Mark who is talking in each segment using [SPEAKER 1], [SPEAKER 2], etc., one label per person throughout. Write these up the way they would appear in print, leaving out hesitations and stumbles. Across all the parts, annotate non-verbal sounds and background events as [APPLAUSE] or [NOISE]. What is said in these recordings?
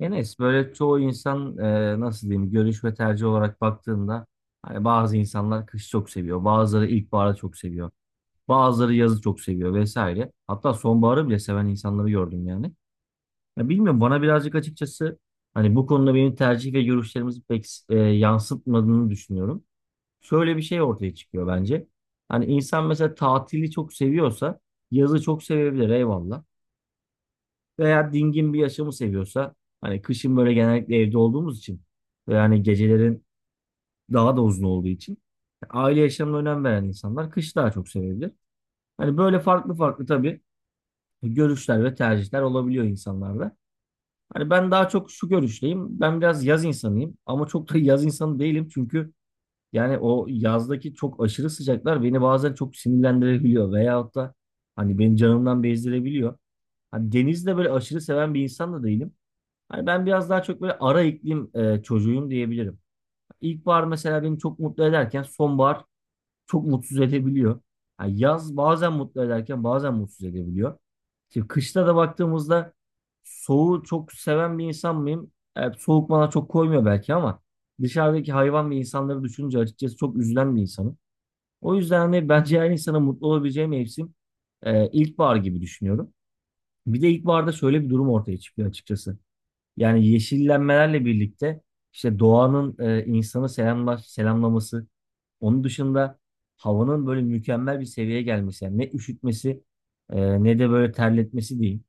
[SPEAKER 1] Enes böyle çoğu insan nasıl diyeyim görüş ve tercih olarak baktığında hani bazı insanlar kışı çok seviyor. Bazıları ilkbaharı çok seviyor. Bazıları yazı çok seviyor vesaire. Hatta sonbaharı bile seven insanları gördüm yani. Ya bilmiyorum bana birazcık açıkçası hani bu konuda benim tercih ve görüşlerimizi pek yansıtmadığını düşünüyorum. Şöyle bir şey ortaya çıkıyor bence. Hani insan mesela tatili çok seviyorsa yazı çok sevebilir eyvallah veya dingin bir yaşamı seviyorsa hani kışın böyle genellikle evde olduğumuz için ve yani gecelerin daha da uzun olduğu için aile yaşamına önem veren insanlar kış daha çok sevebilir. Hani böyle farklı farklı tabii görüşler ve tercihler olabiliyor insanlarda. Hani ben daha çok şu görüşteyim. Ben biraz yaz insanıyım ama çok da [LAUGHS] yaz insanı değilim çünkü yani o yazdaki çok aşırı sıcaklar beni bazen çok sinirlendirebiliyor veyahut da hani beni canımdan bezdirebiliyor. Hani denizi de böyle aşırı seven bir insan da değilim. Hani ben biraz daha çok böyle ara iklim çocuğuyum diyebilirim. İlkbahar mesela beni çok mutlu ederken sonbahar çok mutsuz edebiliyor. Ha, yaz bazen mutlu ederken bazen mutsuz edebiliyor. Şimdi kışta da baktığımızda soğuğu çok seven bir insan mıyım? Evet, soğuk bana çok koymuyor belki ama dışarıdaki hayvan ve insanları düşününce açıkçası çok üzülen bir insanım. O yüzden hani bence her insana mutlu olabileceği mevsim ilkbahar gibi düşünüyorum. Bir de ilkbaharda şöyle bir durum ortaya çıkıyor açıkçası. Yani yeşillenmelerle birlikte işte doğanın insanı selamlaması, onun dışında havanın böyle mükemmel bir seviyeye gelmesi. Yani ne üşütmesi ne de böyle terletmesi değil.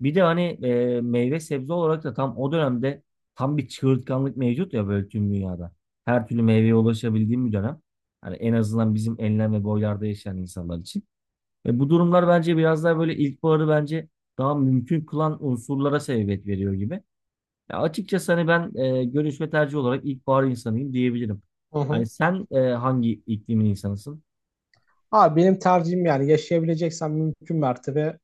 [SPEAKER 1] Bir de hani meyve sebze olarak da tam o dönemde tam bir çığırtkanlık mevcut ya böyle tüm dünyada. Her türlü meyveye ulaşabildiğim bir dönem. Hani en azından bizim enlem ve boylarda yaşayan insanlar için. Ve bu durumlar bence biraz daha böyle ilkbaharı bence daha mümkün kılan unsurlara sebebiyet veriyor gibi. Ya açıkçası hani ben görüş ve tercih olarak ilkbahar insanıyım diyebilirim.
[SPEAKER 2] Hı
[SPEAKER 1] Hani
[SPEAKER 2] hı.
[SPEAKER 1] sen hangi iklimin insanısın?
[SPEAKER 2] Abi benim tercihim yani yaşayabileceksem mümkün mertebe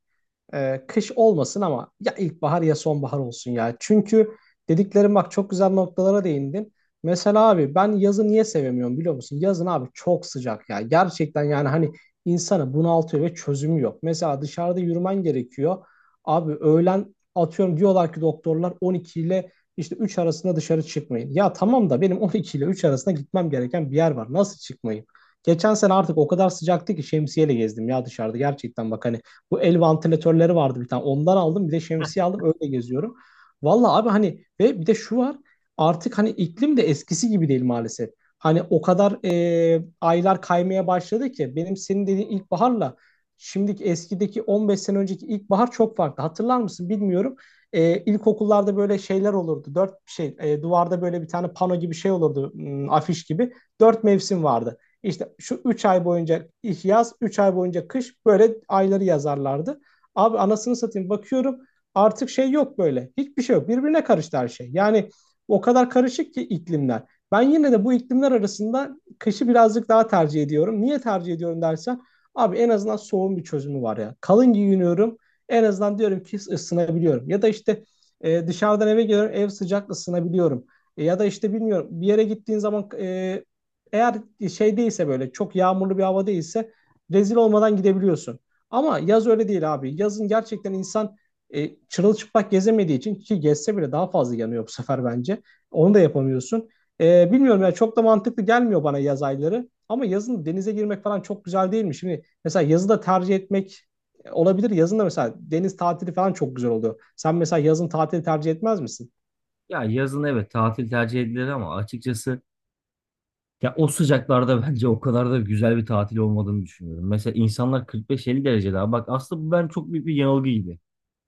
[SPEAKER 2] Kış olmasın ama ya ilkbahar ya sonbahar olsun ya. Çünkü dediklerim bak, çok güzel noktalara değindin. Mesela abi, ben yazı niye sevemiyorum biliyor musun? Yazın abi çok sıcak ya. Gerçekten yani hani insanı bunaltıyor ve çözümü yok. Mesela dışarıda yürümen gerekiyor. Abi öğlen atıyorum, diyorlar ki doktorlar 12 ile işte 3 arasında dışarı çıkmayın. Ya tamam da benim 12 ile 3 arasında gitmem gereken bir yer var. Nasıl çıkmayayım? Geçen sene artık o kadar sıcaktı ki şemsiyeyle gezdim ya dışarıda, gerçekten bak hani bu el vantilatörleri vardı bir tane. Ondan aldım. Bir de şemsiye aldım. Öyle geziyorum. Vallahi abi hani, ve bir de şu var. Artık hani iklim de eskisi gibi değil maalesef. Hani o kadar aylar kaymaya başladı ki benim senin dediğin ilkbaharla şimdiki, eskideki 15 sene önceki ilkbahar çok farklı. Hatırlar mısın bilmiyorum. İlkokullarda böyle şeyler olurdu. Dört şey, duvarda böyle bir tane pano gibi şey olurdu. Afiş gibi. Dört mevsim vardı. İşte şu 3 ay boyunca yaz, 3 ay boyunca kış, böyle ayları yazarlardı. Abi anasını satayım, bakıyorum artık şey yok böyle. Hiçbir şey yok. Birbirine karıştı her şey. Yani o kadar karışık ki iklimler. Ben yine de bu iklimler arasında kışı birazcık daha tercih ediyorum. Niye tercih ediyorum dersen, abi en azından soğun bir çözümü var ya. Kalın giyiniyorum. En azından diyorum ki ısınabiliyorum. Ya da işte dışarıdan eve geliyorum, ev sıcak, ısınabiliyorum. Ya da işte bilmiyorum, bir yere gittiğin zaman eğer şey değilse, böyle çok yağmurlu bir hava değilse, rezil olmadan gidebiliyorsun. Ama yaz öyle değil abi. Yazın gerçekten insan çırılçıplak gezemediği için, ki gezse bile daha fazla yanıyor bu sefer bence. Onu da yapamıyorsun. Bilmiyorum ya, çok da mantıklı gelmiyor bana yaz ayları. Ama yazın denize girmek falan çok güzel değil mi? Şimdi mesela yazı da tercih etmek olabilir. Yazın da mesela deniz tatili falan çok güzel oluyor. Sen mesela yazın tatili tercih etmez misin?
[SPEAKER 1] Ya yazın evet tatil tercih edilir ama açıkçası ya o sıcaklarda [LAUGHS] bence o kadar da güzel bir tatil olmadığını düşünüyorum. Mesela insanlar 45-50 derece daha. Bak aslında bu ben çok büyük bir yanılgı gibi.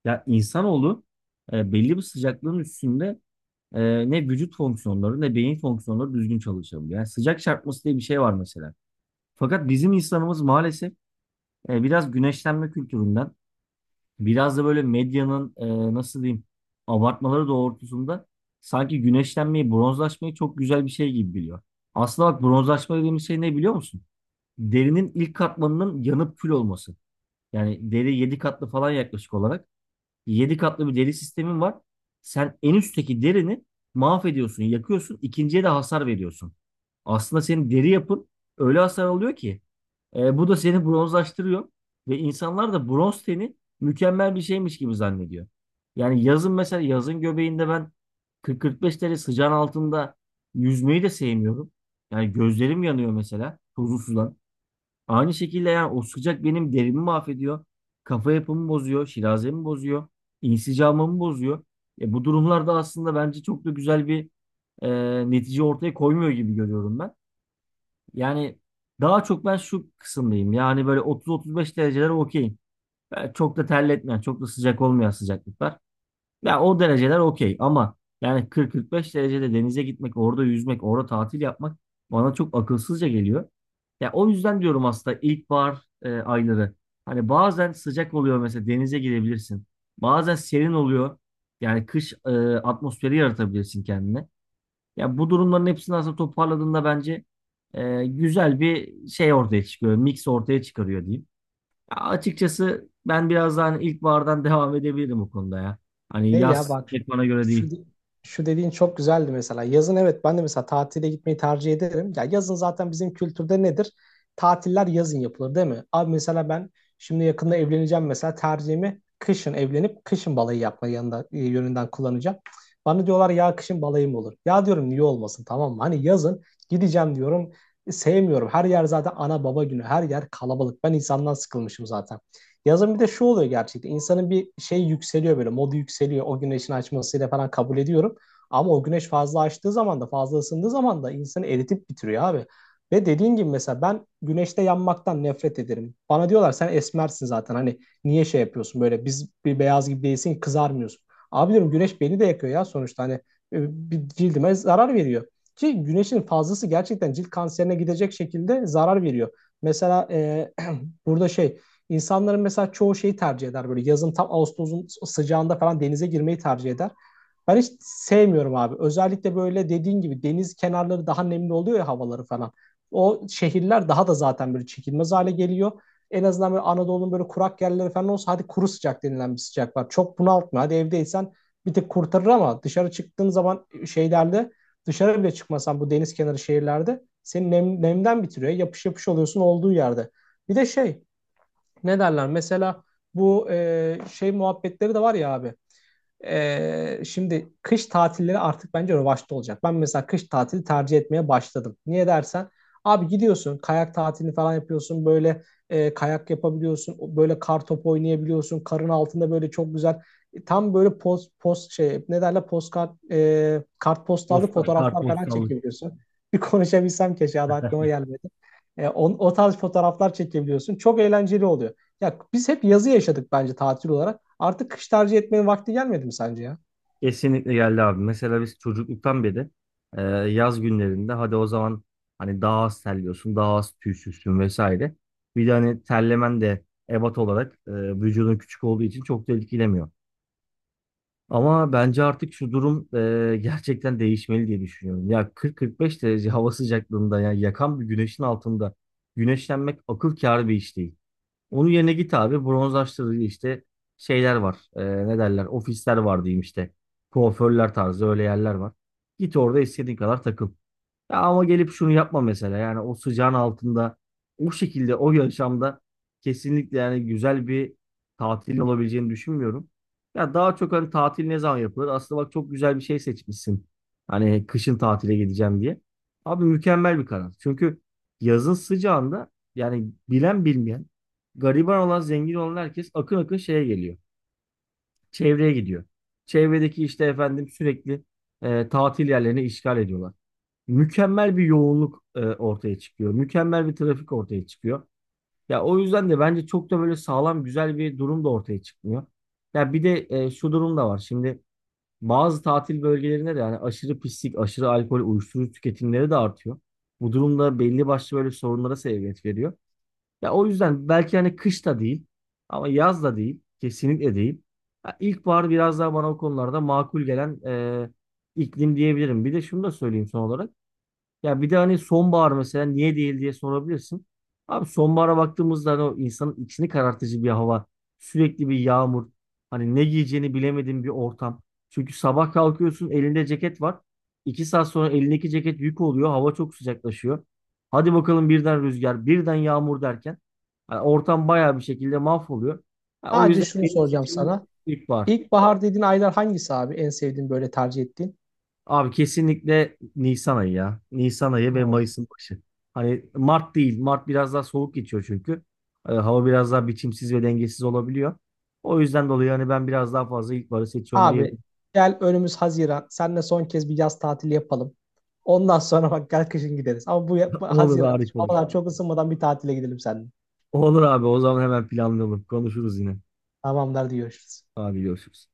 [SPEAKER 1] Ya insanoğlu belli bir sıcaklığın üstünde ne vücut fonksiyonları ne beyin fonksiyonları düzgün çalışabiliyor. Yani sıcak çarpması diye bir şey var mesela. Fakat bizim insanımız maalesef biraz güneşlenme kültüründen biraz da böyle medyanın nasıl diyeyim abartmaları doğrultusunda sanki güneşlenmeyi, bronzlaşmayı çok güzel bir şey gibi biliyor. Aslında bak bronzlaşma dediğimiz şey ne biliyor musun? Derinin ilk katmanının yanıp kül olması. Yani deri 7 katlı falan yaklaşık olarak. 7 katlı bir deri sistemin var. Sen en üstteki derini mahvediyorsun, yakıyorsun, ikinciye de hasar veriyorsun. Aslında senin deri yapın öyle hasar alıyor ki bu da seni bronzlaştırıyor ve insanlar da bronz teni mükemmel bir şeymiş gibi zannediyor. Yani yazın mesela yazın göbeğinde ben 40-45 derece sıcağın altında yüzmeyi de sevmiyorum. Yani gözlerim yanıyor mesela tuzlu sudan. Aynı şekilde yani o sıcak benim derimi mahvediyor. Kafa yapımı bozuyor, şirazemi bozuyor, insicamımı bozuyor. Bu durumlarda aslında bence çok da güzel bir netice ortaya koymuyor gibi görüyorum ben. Yani daha çok ben şu kısımdayım. Yani böyle 30-35 dereceler okey. Yani çok da terletmeyen, çok da sıcak olmayan sıcaklıklar. Ya o dereceler okey ama yani 40-45 derecede denize gitmek, orada yüzmek, orada tatil yapmak bana çok akılsızca geliyor. Ya o yüzden diyorum aslında ilkbahar ayları. Hani bazen sıcak oluyor mesela denize girebilirsin. Bazen serin oluyor. Yani kış atmosferi yaratabilirsin kendine. Ya bu durumların hepsini aslında toparladığında bence güzel bir şey ortaya çıkıyor. Mix ortaya çıkarıyor diyeyim. Ya açıkçası ben biraz daha hani ilkbahardan [LAUGHS] devam edebilirim bu konuda ya. Hani
[SPEAKER 2] Şey ya
[SPEAKER 1] yaz
[SPEAKER 2] bak,
[SPEAKER 1] pek bana göre
[SPEAKER 2] şu
[SPEAKER 1] değil.
[SPEAKER 2] şu dediğin çok güzeldi mesela. Yazın evet, ben de mesela tatile gitmeyi tercih ederim. Ya yazın zaten bizim kültürde nedir? Tatiller yazın yapılır değil mi? Abi mesela ben şimdi yakında evleneceğim, mesela tercihimi kışın evlenip kışın balayı yapma yanında, yönünden kullanacağım. Bana diyorlar ya, kışın balayı mı olur? Ya diyorum niye olmasın, tamam mı? Hani yazın gideceğim diyorum. Sevmiyorum. Her yer zaten ana baba günü. Her yer kalabalık. Ben insandan sıkılmışım zaten. Yazın bir de şu oluyor gerçekten. İnsanın bir şey yükseliyor böyle. Modu yükseliyor. O güneşin açmasıyla falan kabul ediyorum. Ama o güneş fazla açtığı zaman da, fazla ısındığı zaman da insanı eritip bitiriyor abi. Ve dediğin gibi mesela ben güneşte yanmaktan nefret ederim. Bana diyorlar sen esmersin zaten, hani niye şey yapıyorsun, böyle biz bir beyaz gibi değilsin, kızarmıyorsun. Abi diyorum güneş beni de yakıyor ya sonuçta, hani bir cildime zarar veriyor. Ki güneşin fazlası gerçekten cilt kanserine gidecek şekilde zarar veriyor. Mesela [CLEARS THROAT] burada şey, İnsanların mesela çoğu şeyi tercih eder, böyle yazın tam Ağustos'un sıcağında falan denize girmeyi tercih eder. Ben hiç sevmiyorum abi. Özellikle böyle dediğin gibi deniz kenarları daha nemli oluyor ya, havaları falan. O şehirler daha da zaten böyle çekilmez hale geliyor. En azından böyle Anadolu'nun böyle kurak yerleri falan olsa, hadi kuru sıcak denilen bir sıcak var. Çok bunaltmıyor. Hadi evdeysen bir tık kurtarır, ama dışarı çıktığın zaman şeylerde, dışarı bile çıkmasan bu deniz kenarı şehirlerde seni nem, nemden bitiriyor. Yapış yapış oluyorsun olduğu yerde. Bir de şey, ne derler? Mesela bu şey muhabbetleri de var ya abi. Şimdi kış tatilleri artık bence revaçta olacak. Ben mesela kış tatili tercih etmeye başladım. Niye dersen, abi gidiyorsun kayak tatilini falan yapıyorsun böyle, kayak yapabiliyorsun, böyle kar topu oynayabiliyorsun karın altında, böyle çok güzel, tam böyle post post şey ne derler, kartpostallık
[SPEAKER 1] Posta,
[SPEAKER 2] fotoğraflar falan
[SPEAKER 1] kartpostallık.
[SPEAKER 2] çekebiliyorsun. [LAUGHS] Bir konuşabilsem, keşke adı aklıma
[SPEAKER 1] [LAUGHS]
[SPEAKER 2] gelmedi. O tarz fotoğraflar çekebiliyorsun. Çok eğlenceli oluyor. Ya biz hep yazı yaşadık bence tatil olarak. Artık kış tercih etmenin vakti gelmedi mi sence ya?
[SPEAKER 1] Kesinlikle geldi abi. Mesela biz çocukluktan beri e, yaz günlerinde hadi o zaman hani daha az terliyorsun, daha az tüysüzsün vesaire. Bir de hani terlemen de ebat olarak vücudun küçük olduğu için çok da etkilemiyor. Ama bence artık şu durum gerçekten değişmeli diye düşünüyorum. Ya 40-45 derece hava sıcaklığında ya yakan bir güneşin altında güneşlenmek akıl kârı bir iş değil. Onun yerine git abi bronzlaştırıcı işte şeyler var. Ne derler? Ofisler var diyeyim işte. Kuaförler tarzı öyle yerler var. Git orada istediğin kadar takıl. Ya ama gelip şunu yapma mesela. Yani o sıcağın altında o şekilde o yaşamda kesinlikle yani güzel bir tatil olabileceğini düşünmüyorum. Ya daha çok hani tatil ne zaman yapılır? Aslında bak çok güzel bir şey seçmişsin. Hani kışın tatile gideceğim diye. Abi mükemmel bir karar. Çünkü yazın sıcağında yani bilen bilmeyen, gariban olan zengin olan herkes akın akın şeye geliyor. Çevreye gidiyor. Çevredeki işte efendim sürekli tatil yerlerini işgal ediyorlar, mükemmel bir yoğunluk ortaya çıkıyor. Mükemmel bir trafik ortaya çıkıyor. Ya o yüzden de bence çok da böyle sağlam güzel bir durum da ortaya çıkmıyor. Ya bir de şu durum da var. Şimdi bazı tatil bölgelerinde de yani aşırı pislik, aşırı alkol, uyuşturucu tüketimleri de artıyor. Bu durumda belli başlı böyle sorunlara sebebiyet veriyor. Ya o yüzden belki hani kış da değil ama yaz da değil, kesinlikle değil. Ya ilkbahar biraz daha bana o konularda makul gelen e, iklim diyebilirim. Bir de şunu da söyleyeyim son olarak. Ya bir de hani sonbahar mesela niye değil diye sorabilirsin. Abi sonbahara baktığımızda hani o insanın içini karartıcı bir hava. Sürekli bir yağmur. Hani ne giyeceğini bilemediğin bir ortam. Çünkü sabah kalkıyorsun elinde ceket var. İki saat sonra elindeki ceket yük oluyor. Hava çok sıcaklaşıyor. Hadi bakalım birden rüzgar, birden yağmur derken, hani ortam bayağı bir şekilde mahvoluyor. Ha, o
[SPEAKER 2] Sadece
[SPEAKER 1] yüzden
[SPEAKER 2] şunu
[SPEAKER 1] benim
[SPEAKER 2] soracağım
[SPEAKER 1] seçimim
[SPEAKER 2] sana.
[SPEAKER 1] ilkbahar.
[SPEAKER 2] İlkbahar dediğin aylar hangisi abi? En sevdiğin, böyle tercih ettiğin?
[SPEAKER 1] Abi kesinlikle Nisan ayı ya. Nisan ayı ve
[SPEAKER 2] Hmm.
[SPEAKER 1] Mayıs'ın başı. Hani Mart değil. Mart biraz daha soğuk geçiyor çünkü. Hava biraz daha biçimsiz ve dengesiz olabiliyor. O yüzden dolayı hani ben biraz daha fazla ilkbaharı seçiyorum
[SPEAKER 2] Abi
[SPEAKER 1] diyebilirim.
[SPEAKER 2] gel, önümüz Haziran. Seninle son kez bir yaz tatili yapalım. Ondan sonra bak, gel kışın gideriz. Ama bu,
[SPEAKER 1] [LAUGHS]
[SPEAKER 2] bu
[SPEAKER 1] Olur,
[SPEAKER 2] Haziran
[SPEAKER 1] harika olur.
[SPEAKER 2] havalar çok ısınmadan bir tatile gidelim seninle.
[SPEAKER 1] Olur abi, o zaman hemen planlayalım. Konuşuruz yine.
[SPEAKER 2] Tamamdır, hadi görüşürüz.
[SPEAKER 1] Abi görüşürüz.